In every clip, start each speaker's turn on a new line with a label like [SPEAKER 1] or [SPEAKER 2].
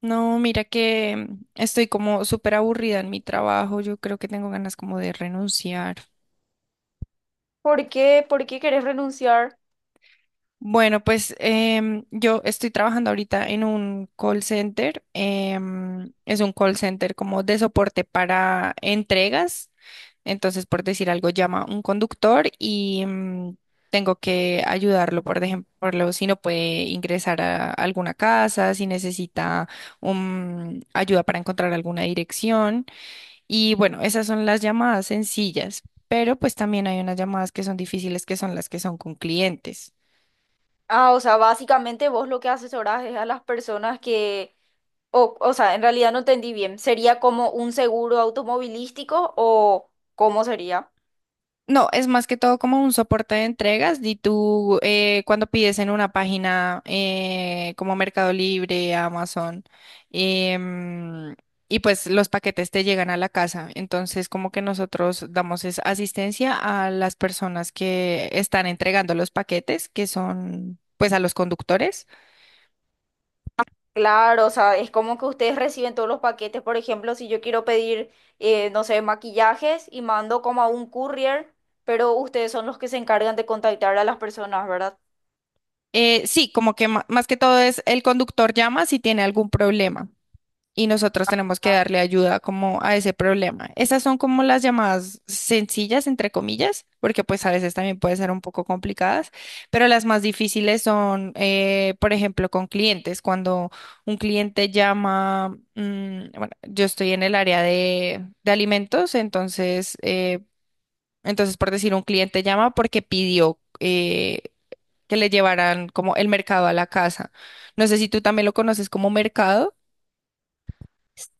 [SPEAKER 1] No, mira que estoy como súper aburrida en mi trabajo. Yo creo que tengo ganas como de renunciar.
[SPEAKER 2] ¿Por qué? ¿Por qué querés renunciar?
[SPEAKER 1] Bueno, pues yo estoy trabajando ahorita en un call center. Es un call center como de soporte para entregas. Entonces, por decir algo, llama un conductor y tengo que ayudarlo, por ejemplo, si no puede ingresar a alguna casa, si necesita ayuda para encontrar alguna dirección. Y bueno, esas son las llamadas sencillas, pero pues también hay unas llamadas que son difíciles, que son las que son con clientes.
[SPEAKER 2] Ah, o sea, básicamente vos lo que asesorás es a las personas que, o sea, en realidad no entendí bien. ¿Sería como un seguro automovilístico o cómo sería?
[SPEAKER 1] No, es más que todo como un soporte de entregas. Y tú, cuando pides en una página como Mercado Libre, Amazon, em, y pues los paquetes te llegan a la casa. Entonces, como que nosotros damos es asistencia a las personas que están entregando los paquetes, que son pues a los conductores.
[SPEAKER 2] Claro, o sea, es como que ustedes reciben todos los paquetes. Por ejemplo, si yo quiero pedir, no sé, maquillajes y mando como a un courier, pero ustedes son los que se encargan de contactar a las personas, ¿verdad?
[SPEAKER 1] Sí, como que más que todo es el conductor llama si tiene algún problema y nosotros tenemos que darle ayuda como a ese problema. Esas son como las llamadas sencillas, entre comillas, porque pues a veces también pueden ser un poco complicadas, pero las más difíciles son, por ejemplo, con clientes. Cuando un cliente llama, mm, bueno, yo estoy en el área de alimentos, entonces, entonces por decir, un cliente llama porque pidió. Que le llevarán como el mercado a la casa. No sé si tú también lo conoces como mercado.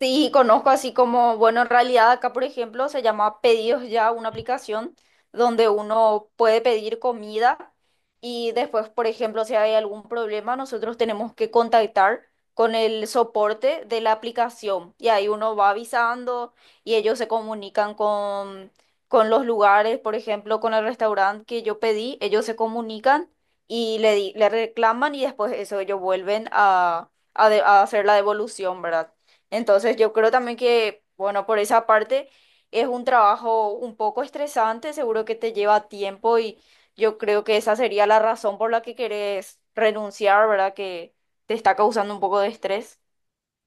[SPEAKER 2] Sí, conozco así como, bueno, en realidad acá, por ejemplo, se llama Pedidos Ya, una aplicación donde uno puede pedir comida y después, por ejemplo, si hay algún problema, nosotros tenemos que contactar con el soporte de la aplicación y ahí uno va avisando y ellos se comunican con los lugares, por ejemplo, con el restaurante que yo pedí, ellos se comunican y le, le reclaman y después eso ellos vuelven a hacer la devolución, ¿verdad? Entonces yo creo también que, bueno, por esa parte es un trabajo un poco estresante, seguro que te lleva tiempo y yo creo que esa sería la razón por la que querés renunciar, ¿verdad? Que te está causando un poco de estrés.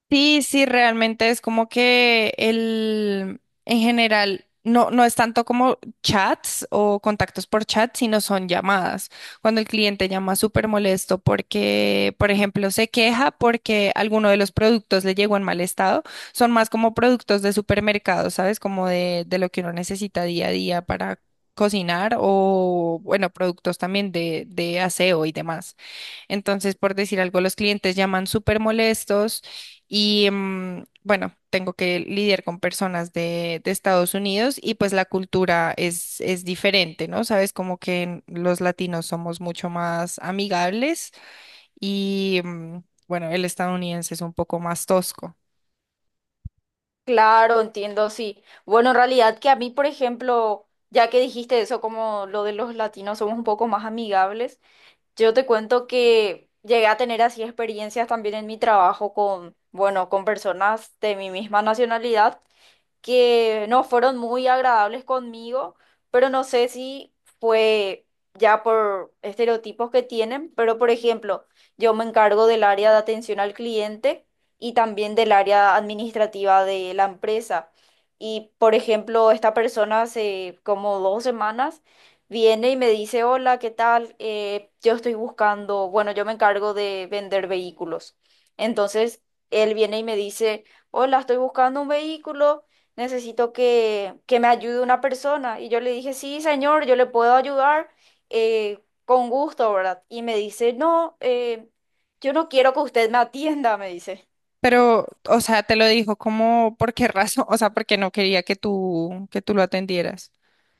[SPEAKER 1] Sí, sí, realmente es como que el, en general, no, no es tanto como chats o contactos por chat, sino son llamadas. Cuando el cliente llama súper molesto porque, por ejemplo, se queja porque alguno de los productos le llegó en mal estado, son más como productos de supermercado, ¿sabes? Como de lo que uno necesita día a día para cocinar o, bueno, productos también de aseo y demás. Entonces, por decir algo, los clientes llaman súper molestos y bueno, tengo que lidiar con personas de Estados Unidos y pues la cultura es diferente, ¿no? Sabes, como que los latinos somos mucho más amigables y bueno, el estadounidense es un poco más tosco.
[SPEAKER 2] Claro, entiendo, sí. Bueno, en realidad que a mí, por ejemplo, ya que dijiste eso, como lo de los latinos somos un poco más amigables, yo te cuento que llegué a tener así experiencias también en mi trabajo con, bueno, con personas de mi misma nacionalidad, que no fueron muy agradables conmigo, pero no sé si fue ya por estereotipos que tienen, pero por ejemplo, yo me encargo del área de atención al cliente y también del área administrativa de la empresa. Y por ejemplo, esta persona hace como dos semanas viene y me dice, hola, ¿qué tal? Yo estoy buscando, bueno, yo me encargo de vender vehículos. Entonces, él viene y me dice, hola, estoy buscando un vehículo, necesito que me ayude una persona. Y yo le dije, sí, señor, yo le puedo ayudar con gusto, ¿verdad? Y me dice, no, yo no quiero que usted me atienda, me dice.
[SPEAKER 1] Pero, o sea, te lo dijo como, ¿por qué razón? O sea, porque no quería que tú lo atendieras.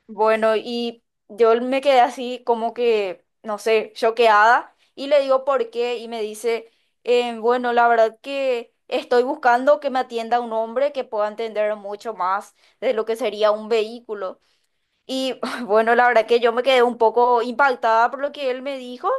[SPEAKER 2] Bueno, y yo me quedé así como que, no sé, choqueada y le digo por qué y me dice, bueno, la verdad que... estoy buscando que me atienda un hombre que pueda entender mucho más de lo que sería un vehículo." Y bueno, la verdad que yo me quedé un poco impactada por lo que él me dijo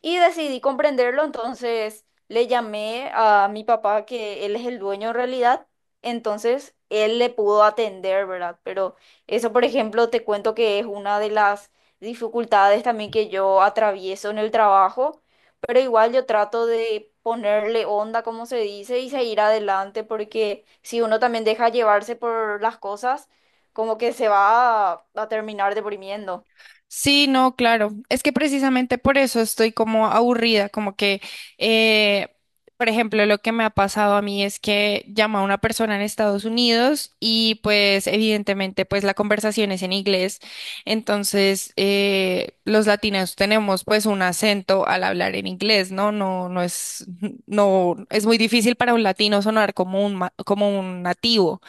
[SPEAKER 2] y decidí comprenderlo. Entonces le llamé a mi papá, que él es el dueño en realidad. Entonces él le pudo atender, ¿verdad? Pero eso, por ejemplo, te cuento que es una de las dificultades también que yo atravieso en el trabajo. Pero igual yo trato de ponerle onda, como se dice, y seguir adelante, porque si uno también deja llevarse por las cosas, como que se va a terminar deprimiendo.
[SPEAKER 1] Sí, no, claro. Es que precisamente por eso estoy como aburrida, como que, eh, por ejemplo, lo que me ha pasado a mí es que llamo a una persona en Estados Unidos y pues evidentemente pues la conversación es en inglés. Entonces, los latinos tenemos pues un acento al hablar en inglés, ¿no? No, es muy difícil para un latino sonar como un, como un nativo.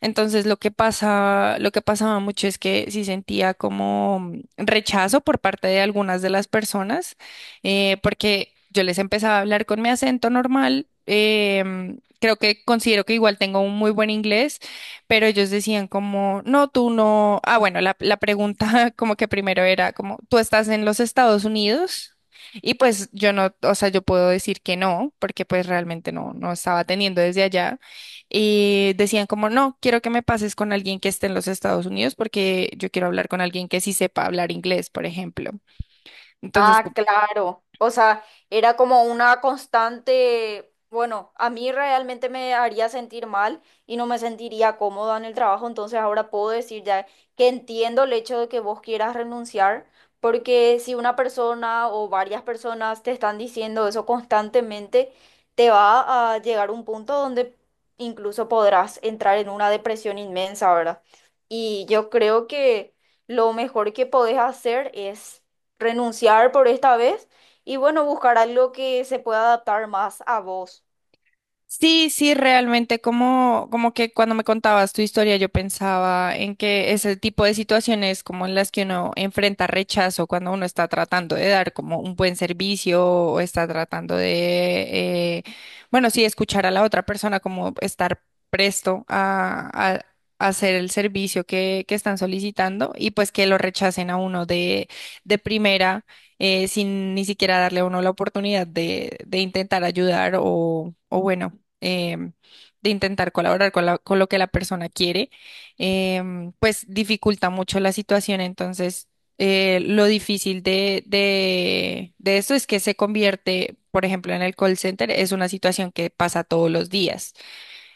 [SPEAKER 1] Entonces lo que pasaba mucho es que sí sentía como rechazo por parte de algunas de las personas, porque yo les empezaba a hablar con mi acento normal. Creo que considero que igual tengo un muy buen inglés, pero ellos decían como, no, tú no. Ah, bueno, la pregunta como que primero era como, ¿tú estás en los Estados Unidos? Y pues yo no, o sea, yo puedo decir que no, porque pues realmente no, no estaba teniendo desde allá. Y decían como, no, quiero que me pases con alguien que esté en los Estados Unidos porque yo quiero hablar con alguien que sí sepa hablar inglés, por ejemplo. Entonces,
[SPEAKER 2] Ah, claro. O sea, era como una constante, bueno, a mí realmente me haría sentir mal y no me sentiría cómoda en el trabajo, entonces ahora puedo decir ya que entiendo el hecho de que vos quieras renunciar, porque si una persona o varias personas te están diciendo eso constantemente, te va a llegar un punto donde incluso podrás entrar en una depresión inmensa, ¿verdad? Y yo creo que lo mejor que podés hacer es renunciar por esta vez y bueno, buscar algo que se pueda adaptar más a vos.
[SPEAKER 1] sí, sí, realmente como, como que cuando me contabas tu historia yo pensaba en que ese tipo de situaciones como en las que uno enfrenta rechazo cuando uno está tratando de dar como un buen servicio o está tratando de, bueno, sí, escuchar a la otra persona como estar presto a hacer el servicio que están solicitando y pues que lo rechacen a uno de primera sin ni siquiera darle a uno la oportunidad de intentar ayudar o bueno em, de intentar colaborar con, con lo que la persona quiere, pues dificulta mucho la situación. Entonces, lo difícil de eso es que se convierte, por ejemplo, en el call center, es una situación que pasa todos los días.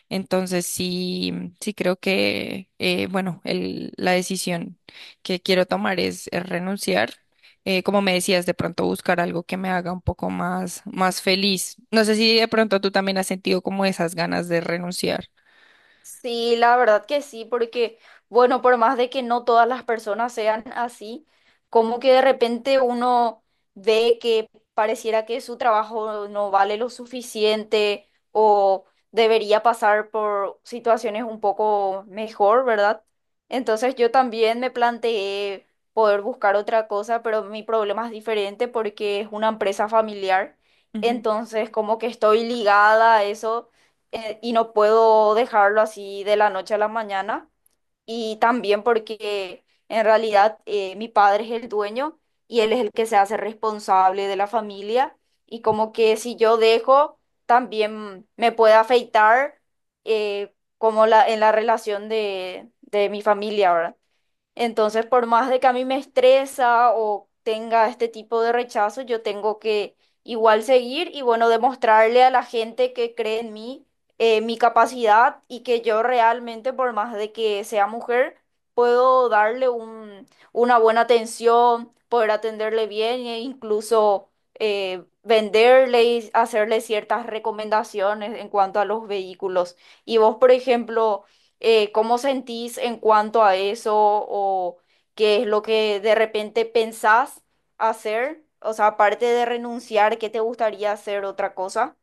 [SPEAKER 1] Entonces sí, sí creo que, bueno, la decisión que quiero tomar es renunciar. Como me decías, de pronto buscar algo que me haga un poco más, más feliz. No sé si de pronto tú también has sentido como esas ganas de renunciar.
[SPEAKER 2] Sí, la verdad que sí, porque, bueno, por más de que no todas las personas sean así, como que de repente uno ve que pareciera que su trabajo no vale lo suficiente o debería pasar por situaciones un poco mejor, ¿verdad? Entonces yo también me planteé poder buscar otra cosa, pero mi problema es diferente porque es una empresa familiar, entonces como que estoy ligada a eso, y no puedo dejarlo así de la noche a la mañana. Y también porque en realidad mi padre es el dueño y él es el que se hace responsable de la familia. Y como que si yo dejo, también me puede afectar como la, en la relación de mi familia, ¿verdad? Entonces, por más de que a mí me estresa o tenga este tipo de rechazo, yo tengo que igual seguir y bueno, demostrarle a la gente que cree en mí mi capacidad y que yo realmente, por más de que sea mujer, puedo darle un, una buena atención, poder atenderle bien e incluso venderle y hacerle ciertas recomendaciones en cuanto a los vehículos. Y vos, por ejemplo, ¿cómo sentís en cuanto a eso o qué es lo que de repente pensás hacer? O sea, aparte de renunciar, ¿qué te gustaría hacer otra cosa?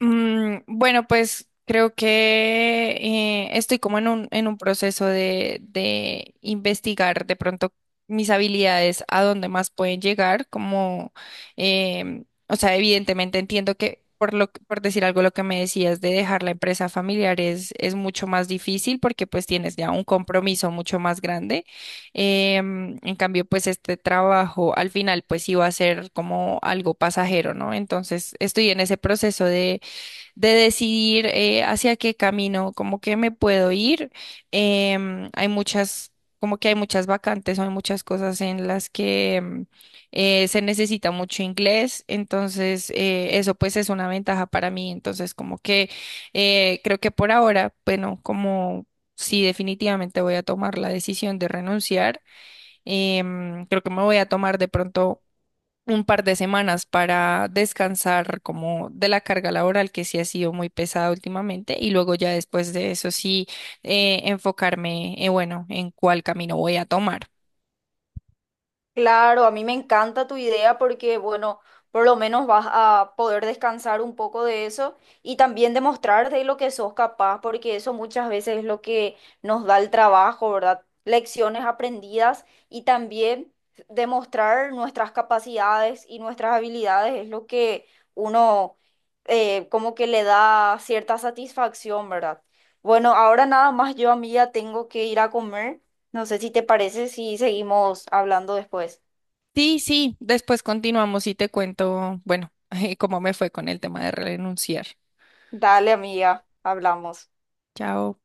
[SPEAKER 1] Mm, bueno, pues creo que estoy como en un proceso de investigar de pronto mis habilidades, a dónde más pueden llegar, como, o sea, evidentemente entiendo que por lo, por decir algo, lo que me decías de dejar la empresa familiar es mucho más difícil porque pues tienes ya un compromiso mucho más grande. Em, en cambio, pues este trabajo al final pues iba a ser como algo pasajero, ¿no? Entonces estoy en ese proceso de decidir hacia qué camino, como que me puedo ir. Em, hay muchas, como que hay muchas vacantes, hay muchas cosas en las que se necesita mucho inglés, entonces eso pues es una ventaja para mí, entonces como que creo que por ahora, bueno, como... Sí, definitivamente voy a tomar la decisión de renunciar. Creo que me voy a tomar de pronto un par de semanas para descansar como de la carga laboral que sí ha sido muy pesada últimamente y luego ya después de eso sí enfocarme, bueno, en cuál camino voy a tomar.
[SPEAKER 2] Claro, a mí me encanta tu idea porque, bueno, por lo menos vas a poder descansar un poco de eso y también demostrar de lo que sos capaz, porque eso muchas veces es lo que nos da el trabajo, ¿verdad? Lecciones aprendidas y también demostrar nuestras capacidades y nuestras habilidades es lo que uno, como que le da cierta satisfacción, ¿verdad? Bueno, ahora nada más yo, amiga, tengo que ir a comer. No sé si te parece si seguimos hablando después.
[SPEAKER 1] Sí, sí, después continuamos y te cuento, bueno, cómo me fue con el tema de renunciar.
[SPEAKER 2] Dale, amiga, hablamos.
[SPEAKER 1] Chao.